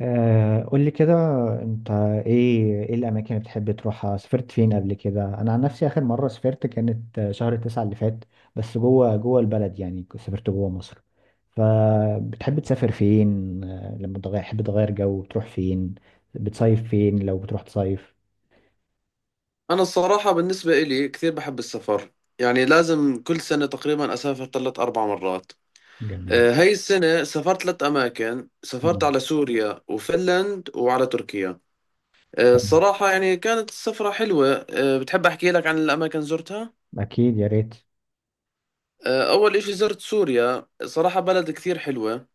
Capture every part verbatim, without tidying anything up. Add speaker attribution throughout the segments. Speaker 1: آه، قول لي كده. انت، ايه ايه الاماكن اللي بتحب تروحها؟ سافرت فين قبل كده؟ انا عن نفسي اخر مره سافرت كانت آه، شهر تسعة اللي فات، بس جوه جوه البلد، يعني كنت سافرت جوه مصر. فبتحب تسافر فين؟ آه، لما تغير، تحب تغير جو، بتروح فين؟ بتصيف فين لو بتروح تصيف؟
Speaker 2: أنا الصراحة بالنسبة إلي كثير بحب السفر. يعني لازم كل سنة تقريبا أسافر ثلاث أربع مرات.
Speaker 1: جميل.
Speaker 2: آه، هاي السنة سافرت ثلاث أماكن، سافرت
Speaker 1: مم.
Speaker 2: على سوريا وفنلند وعلى تركيا. آه،
Speaker 1: حلو.
Speaker 2: الصراحة يعني كانت السفرة حلوة. آه، بتحب أحكي لك عن الأماكن زرتها؟
Speaker 1: اكيد، يا ريت.
Speaker 2: آه، أول إشي زرت سوريا، صراحة بلد كثير حلوة،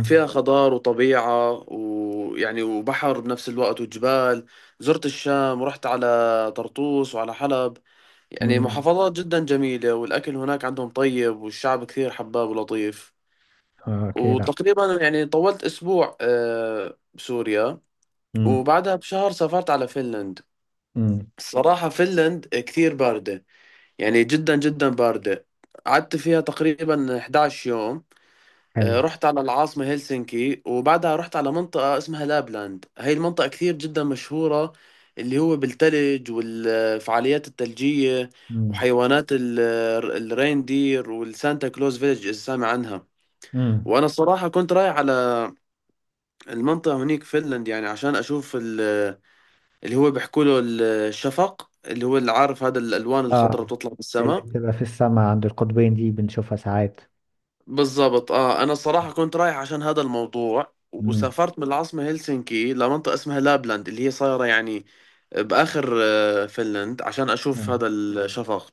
Speaker 2: فيها خضار وطبيعة ويعني وبحر بنفس الوقت وجبال. زرت الشام ورحت على طرطوس وعلى حلب، يعني
Speaker 1: مم.
Speaker 2: محافظات جدا جميلة، والأكل هناك عندهم طيب، والشعب كثير حباب ولطيف.
Speaker 1: آه، اكيد.
Speaker 2: وتقريبا يعني طولت أسبوع آه، بسوريا.
Speaker 1: مم.
Speaker 2: وبعدها بشهر سافرت على فنلند.
Speaker 1: مم.
Speaker 2: الصراحة فنلند كثير باردة، يعني جدا جدا باردة. قعدت فيها تقريبا حداشر يوم. آه،
Speaker 1: حلو.
Speaker 2: رحت على العاصمة هلسنكي، وبعدها رحت على منطقة اسمها لابلاند. هاي المنطقة كثير جدا مشهورة، اللي هو بالثلج والفعاليات الثلجية
Speaker 1: مم.
Speaker 2: وحيوانات ال- الريندير والسانتا كلوز فيلج، إذا سامع عنها.
Speaker 1: مم.
Speaker 2: وأنا الصراحة كنت رايح على المنطقة هنيك فنلند يعني عشان أشوف ال- اللي هو بيحكوا له الشفق، اللي هو اللي عارف هذا الألوان
Speaker 1: اه،
Speaker 2: الخضراء بتطلع
Speaker 1: اللي
Speaker 2: بالسماء.
Speaker 1: بتبقى في السماء عند القطبين، دي بنشوفها ساعات.
Speaker 2: بالضبط، اه، انا الصراحه كنت رايح عشان هذا الموضوع،
Speaker 1: امم.
Speaker 2: وسافرت من العاصمه هلسنكي لمنطقه اسمها لابلاند اللي هي صايره يعني باخر آه، فنلند عشان اشوف
Speaker 1: آه.
Speaker 2: هذا الشفق.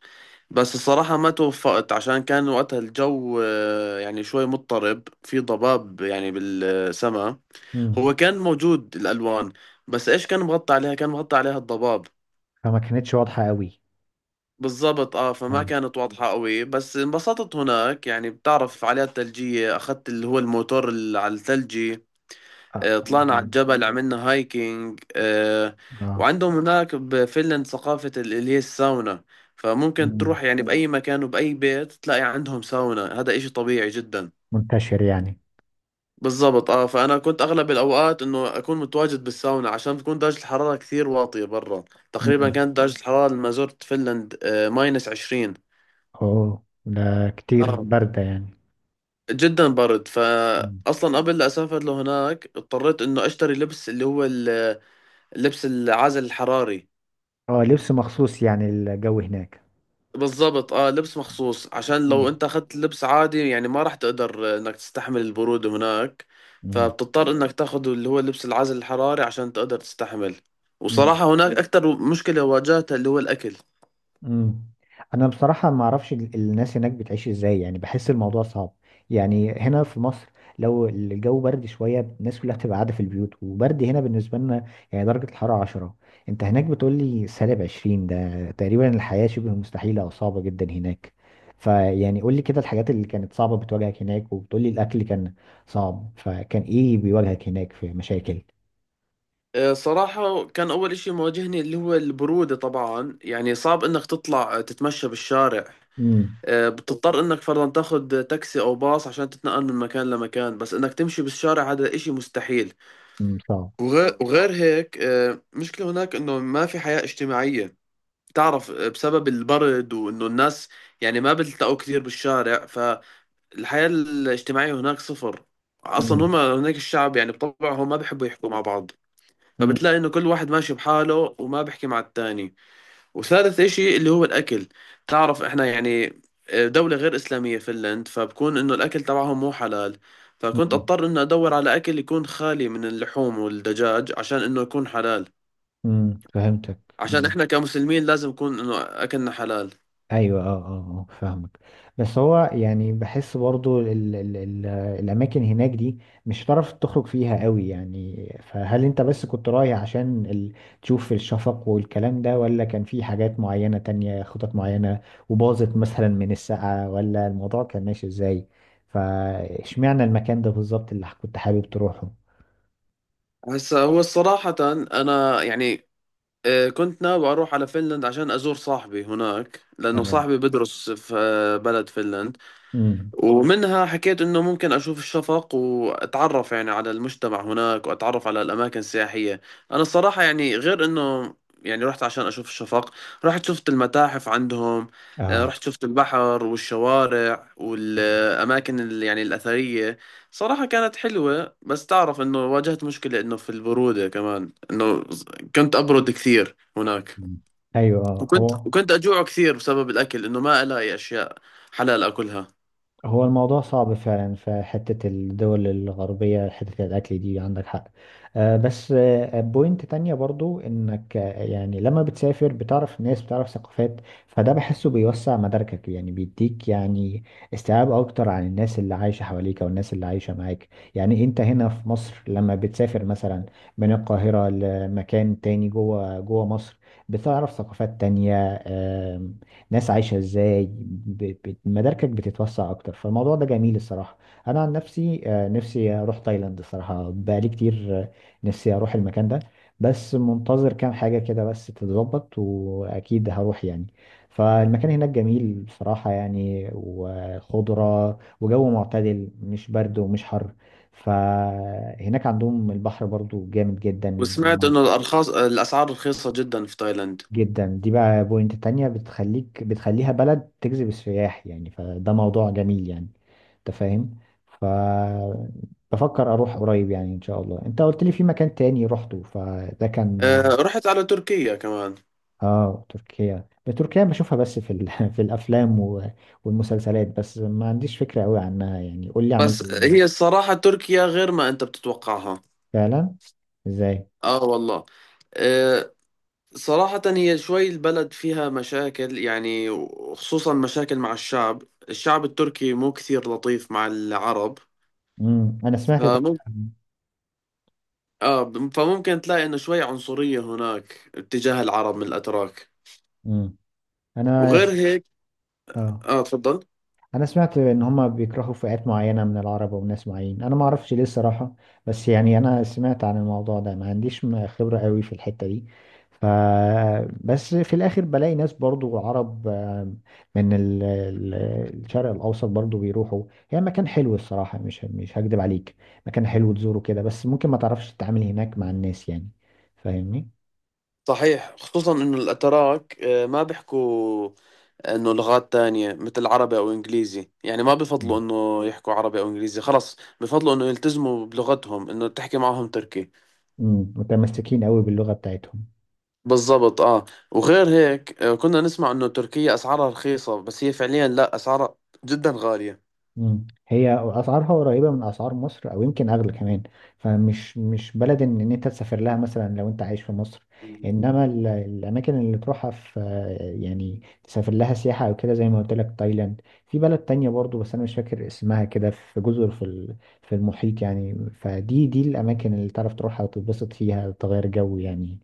Speaker 2: بس الصراحه ما توفقت، عشان كان وقتها الجو آه، يعني شوي مضطرب، في ضباب يعني بالسماء.
Speaker 1: امم.
Speaker 2: هو كان موجود الالوان، بس ايش، كان مغطى عليها، كان مغطى عليها الضباب.
Speaker 1: فما كانتش واضحة قوي.
Speaker 2: بالضبط، اه، فما
Speaker 1: اه.
Speaker 2: كانت واضحة قوي، بس انبسطت هناك. يعني بتعرف فعاليات ثلجية، اخذت اللي هو الموتور اللي على الثلجي.
Speaker 1: اه.
Speaker 2: آه، طلعنا على الجبل، عملنا هايكينج آه،
Speaker 1: آه.
Speaker 2: وعندهم هناك بفنلند ثقافة ال- اللي هي الساونا، فممكن
Speaker 1: مم.
Speaker 2: تروح يعني بأي مكان وبأي بيت تلاقي عندهم ساونا، هذا إشي طبيعي جدا.
Speaker 1: منتشر يعني.
Speaker 2: بالضبط، اه، فأنا كنت أغلب الأوقات إنه أكون متواجد بالساونا عشان تكون درجة الحرارة كثير واطية برا. تقريبا
Speaker 1: امم.
Speaker 2: كانت درجة الحرارة لما زرت فنلند ماينس عشرين.
Speaker 1: اوه ده كتير
Speaker 2: اه
Speaker 1: باردة يعني.
Speaker 2: جدا برد،
Speaker 1: مم.
Speaker 2: فاصلا قبل لا اسافر لهناك اضطريت انه اشتري لبس اللي هو ال- اللبس العازل الحراري.
Speaker 1: اه، لبس مخصوص يعني الجو هناك.
Speaker 2: بالضبط، اه، لبس مخصوص، عشان لو انت اخذت لبس عادي يعني ما راح تقدر انك تستحمل البرودة هناك، فبتضطر انك تاخذ اللي هو لبس العازل الحراري عشان تقدر تستحمل.
Speaker 1: امم.
Speaker 2: وصراحة هناك اكثر مشكلة واجهتها اللي هو الاكل.
Speaker 1: مم. انا بصراحه ما اعرفش ال- الناس هناك بتعيش ازاي، يعني بحس الموضوع صعب. يعني هنا في مصر، لو الجو برد شويه، الناس كلها بتبقى قاعده في البيوت، وبرد هنا بالنسبه لنا يعني درجه الحراره عشرة. انت هناك بتقول لي سالب عشرين، ده تقريبا الحياه شبه مستحيله او صعبه جدا هناك. فيعني قول لي كده الحاجات اللي كانت صعبه بتواجهك هناك، وبتقول لي الاكل كان صعب، فكان ايه بيواجهك هناك في مشاكل؟
Speaker 2: آه، صراحة كان أول إشي مواجهني اللي هو البرودة، طبعا يعني صعب إنك تطلع تتمشى بالشارع.
Speaker 1: امم.
Speaker 2: آه، بتضطر انك فرضا تاخذ تاكسي او باص عشان تتنقل من مكان لمكان، بس انك تمشي بالشارع هذا اشي مستحيل.
Speaker 1: صعب.
Speaker 2: وغير, وغير هيك آه، مشكلة هناك انه ما في حياة اجتماعية. تعرف، آه، بسبب البرد، وانه الناس يعني ما بتلتقوا كثير بالشارع، فالحياة الاجتماعية هناك صفر. اصلا هم
Speaker 1: امم.
Speaker 2: هناك الشعب يعني بطبعهم ما بيحبوا يحكوا مع بعض،
Speaker 1: امم.
Speaker 2: فبتلاقي انه كل واحد ماشي بحاله وما بيحكي مع التاني. وثالث إشي اللي هو الأكل. تعرف إحنا يعني آه، دولة غير إسلامية فنلند، فبكون إنه الأكل تبعهم مو حلال، فكنت أضطر إنه أدور على أكل يكون خالي من اللحوم والدجاج عشان إنه يكون حلال،
Speaker 1: امم، فهمتك.
Speaker 2: عشان إحنا كمسلمين لازم يكون إنه أكلنا حلال.
Speaker 1: ايوه. اه. اه. آه، فاهمك. بس هو يعني بحس برضو ال ال ال الاماكن هناك دي مش هتعرف تخرج فيها قوي يعني. فهل انت بس كنت رايح عشان ال تشوف الشفق والكلام ده، ولا كان في حاجات معينة تانية، خطط معينة وباظت مثلا من السقعة، ولا الموضوع كان ماشي ازاي؟ فاشمعنى المكان ده بالظبط اللي كنت حابب تروحه؟
Speaker 2: هسا هو صراحة، أنا يعني آه، كنت ناوي أروح على فنلند عشان أزور صاحبي هناك، لأنه
Speaker 1: اه.
Speaker 2: صاحبي بدرس في آه، بلد فنلند.
Speaker 1: امم.
Speaker 2: ومنها حكيت انه ممكن اشوف الشفق واتعرف يعني على المجتمع هناك، واتعرف على الاماكن السياحية. انا الصراحة يعني غير انه، يعني رحت عشان اشوف الشفق، رحت شفت المتاحف عندهم، آه،
Speaker 1: اه.
Speaker 2: رحت شفت البحر والشوارع والاماكن ال- يعني الاثرية. صراحة كانت حلوة، بس تعرف انه واجهت مشكلة، انه في البرودة كمان، انه كنت ابرد كثير هناك،
Speaker 1: مم. ايوه. آه،
Speaker 2: وكنت
Speaker 1: هو
Speaker 2: وكنت اجوع كثير بسبب الاكل، انه ما الاقي اشياء حلال اكلها.
Speaker 1: هو الموضوع صعب فعلا في حتة الدول الغربية، حتة الأكل دي عندك حق. آه، بس آه، بوينت تانية برضو إنك، آه، يعني لما بتسافر بتعرف ناس، بتعرف ثقافات، فده بحسه بيوسع مداركك يعني، بيديك يعني استيعاب أكتر عن الناس اللي عايشة حواليك أو الناس اللي عايشة معاك. يعني أنت هنا في مصر لما بتسافر مثلا من القاهرة لمكان تاني، جوه جوه مصر، بتعرف ثقافات تانية، ناس عايشه ازاي، ب- ب- مداركك بتتوسع اكتر، فالموضوع ده جميل الصراحه. انا عن نفسي آه، نفسي اروح تايلاند الصراحه، بقالي كتير آه، نفسي اروح المكان ده، بس منتظر كام حاجه كده بس تتظبط، واكيد هروح يعني. فالمكان هناك جميل بصراحه يعني، وخضره وجو معتدل، مش برد ومش حر. فهناك عندهم البحر برضو جامد جدا.
Speaker 2: وسمعت انه الارخاص الاسعار رخيصه جدا في تايلاند.
Speaker 1: جدا، دي بقى بوينت تانية بتخليك، بتخليها بلد تجذب السياح يعني، فده موضوع جميل يعني، انت فاهم. ف، بفكر اروح قريب يعني ان شاء الله. انت قلت لي في مكان تاني رحته، فده كان؟
Speaker 2: آه، رحت على تركيا كمان.
Speaker 1: اه، تركيا. تركيا بشوفها بس في ال... في الافلام و... والمسلسلات، بس ما عنديش فكرة قوي عنها. يعني قول لي عملت
Speaker 2: بس
Speaker 1: ايه هناك.
Speaker 2: هي الصراحه تركيا غير ما انت بتتوقعها.
Speaker 1: فعلا. ازاي؟
Speaker 2: اه والله، آه، صراحه هي شوي البلد فيها مشاكل، يعني وخصوصا مشاكل مع الشعب. الشعب التركي مو كثير لطيف مع العرب،
Speaker 1: امم، انا سمعت ده.
Speaker 2: فممكن اه فممكن تلاقي انه شوي عنصريه هناك اتجاه العرب من الاتراك.
Speaker 1: امم. انا
Speaker 2: وغير
Speaker 1: س...
Speaker 2: هيك،
Speaker 1: اه،
Speaker 2: اه تفضل.
Speaker 1: انا سمعت ان هما بيكرهوا فئات معينه من العرب وناس معين، انا ما اعرفش ليه الصراحه، بس يعني انا سمعت عن الموضوع ده، ما عنديش م- خبره قوي في الحته دي. ف، بس في الاخر بلاقي ناس برضو عرب، آه، من ال- ال- الشرق الاوسط برضو بيروحوا. هي مكان حلو الصراحه، مش مش هكدب عليك. مكان حلو تزوره كده، بس ممكن ما تعرفش تتعامل هناك مع الناس يعني، فاهمني.
Speaker 2: صحيح، خصوصا انه الاتراك آه، ما بيحكوا انه لغات تانية مثل عربي او انجليزي، يعني ما بفضلوا
Speaker 1: مم.
Speaker 2: انه يحكوا عربي او انجليزي، خلص بفضلوا انه يلتزموا بلغتهم، انه تحكي معهم تركي.
Speaker 1: مم، متمسكين قوي باللغه بتاعتهم.
Speaker 2: بالضبط، اه. وغير هيك آه، كنا نسمع انه تركيا اسعارها رخيصة، بس هي فعليا لا، اسعارها جدا غالية.
Speaker 1: مم. هي اسعارها قريبه من اسعار مصر، او يمكن اغلى كمان. فمش مش بلد ان إن انت تسافر لها مثلا لو انت عايش في مصر.
Speaker 2: مم.
Speaker 1: انما ال- الاماكن اللي تروحها في، يعني تسافر لها سياحه او كده، زي ما قلت لك تايلاند. في بلد تانية برضو بس انا مش فاكر اسمها كده، في جزر في ال- في المحيط يعني. فدي دي الاماكن اللي تعرف تروحها وتتبسط فيها، تغير جو يعني،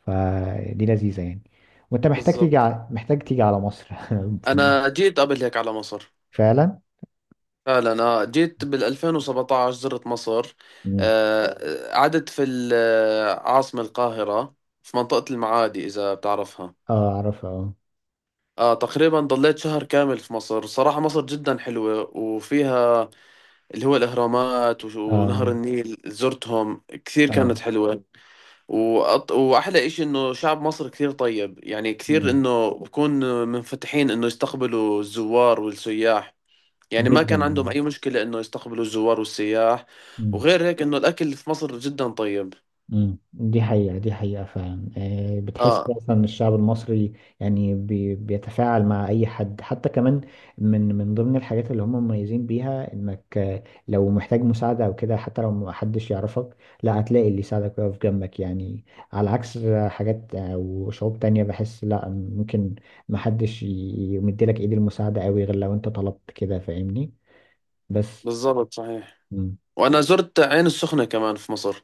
Speaker 1: فدي لذيذه يعني. وانت محتاج تيجي
Speaker 2: بالضبط.
Speaker 1: ع- محتاج تيجي على مصر في مصر.
Speaker 2: انا جيت قبل هيك على مصر.
Speaker 1: فعلا.
Speaker 2: فعلا، اه، جيت بال ألفين وسبعة عشر، زرت مصر.
Speaker 1: مم.
Speaker 2: آه، آه، قعدت في العاصمة القاهرة، في منطقة المعادي، إذا بتعرفها.
Speaker 1: اه، اعرفها، اه.
Speaker 2: آه تقريبا ضليت شهر كامل في مصر. صراحة مصر جدا حلوة، وفيها اللي هو الأهرامات وش- ونهر
Speaker 1: اه.
Speaker 2: النيل، زرتهم كثير،
Speaker 1: اه.
Speaker 2: كانت حلوة. وأط... وأحلى إشي إنه شعب مصر كثير طيب، يعني كثير
Speaker 1: مم.
Speaker 2: إنه بكون منفتحين إنه يستقبلوا الزوار والسياح، يعني ما
Speaker 1: جدا.
Speaker 2: كان عندهم
Speaker 1: مم.
Speaker 2: أي مشكلة إنه يستقبلوا الزوار والسياح. وغير هيك إنه الأكل في مصر جدا طيب.
Speaker 1: مم. دي حقيقة، دي حقيقة فعلا. آه، بتحس
Speaker 2: آه
Speaker 1: أصلا الشعب المصري يعني بي بيتفاعل مع أي حد. حتى كمان من من ضمن الحاجات اللي هم مميزين بيها إنك، آه، لو محتاج مساعدة أو كده، حتى لو محدش يعرفك، لا، هتلاقي اللي يساعدك ويقف جنبك يعني. على عكس حاجات أو شعوب تانية بحس، لا ممكن محدش ي- يمدلك إيد المساعدة أوي غير لو أنت طلبت كده، فاهمني. بس،
Speaker 2: بالضبط صحيح.
Speaker 1: مم.
Speaker 2: وأنا زرت عين السخنة كمان في مصر.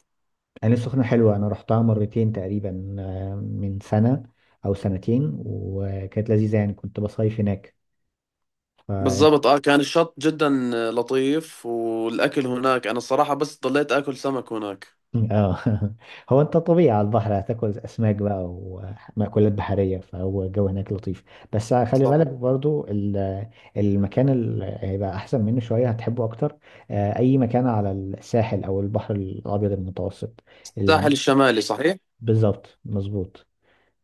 Speaker 1: عين السخنة حلوة، أنا رحتها مرتين تقريبا آه، من سنة أو سنتين، وكانت لذيذة يعني، كنت بصيف هناك. ف...
Speaker 2: بالضبط، اه، كان الشط جدا لطيف، والاكل هناك انا الصراحه بس ضليت اكل سمك هناك.
Speaker 1: اه. هو أنت طبيعي على البحر هتاكل أسماك بقى ومأكولات بحرية، فهو الجو هناك لطيف. بس خلي بالك
Speaker 2: صحيح.
Speaker 1: برضو ال- المكان اللي هيبقى أحسن منه شوية هتحبه أكتر. آه، أي مكان على الساحل أو البحر الأبيض المتوسط،
Speaker 2: الساحل
Speaker 1: الأماكن-
Speaker 2: الشمالي، صحيح.
Speaker 1: بالظبط، مظبوط.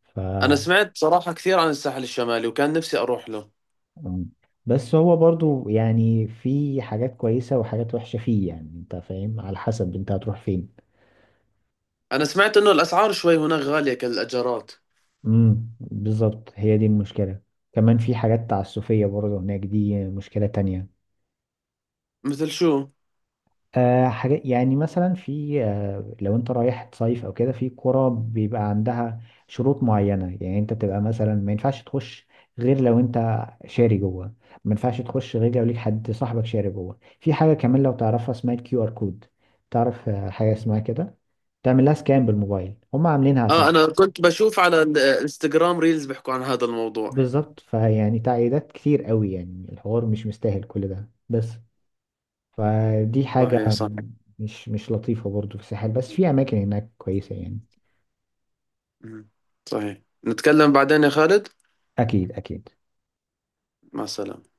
Speaker 1: ف،
Speaker 2: انا سمعت صراحه كثير عن الساحل الشمالي، وكان نفسي اروح له.
Speaker 1: مم. بس هو برضو يعني في حاجات كويسة وحاجات وحشة فيه يعني، انت فاهم، على حسب انت هتروح فين.
Speaker 2: انا سمعت انه الاسعار شوي هناك غاليه كالاجارات.
Speaker 1: امم، بالظبط، هي دي المشكلة. كمان في حاجات تعسفية برضو هناك، دي مشكلة تانية.
Speaker 2: مثل شو؟
Speaker 1: آه، حاجات يعني مثلا في، آه، لو انت رايح تصيف او كده، في قرى بيبقى عندها شروط معينة يعني، انت بتبقى مثلا ما ينفعش تخش غير لو انت شاري جوه، ما ينفعش تخش غير لو ليك حد صاحبك شاري جوه في حاجة. كمان لو تعرفها اسمها الكيو ار كود، تعرف آه، حاجة اسمها كده، تعمل لها سكان بالموبايل، هم عاملينها عشان،
Speaker 2: اه انا كنت بشوف على الانستغرام ريلز بيحكوا عن هذا الموضوع.
Speaker 1: بالظبط. فيعني تعقيدات كتير قوي يعني، الحوار مش مستاهل كل ده بس، فدي
Speaker 2: صحيح
Speaker 1: حاجة
Speaker 2: صحيح.
Speaker 1: مش مش لطيفة برضو في الساحل، بس في أماكن هناك كويسة يعني.
Speaker 2: مم. صحيح، نتكلم بعدين يا خالد.
Speaker 1: أكيد، أكيد.
Speaker 2: مع السلامه.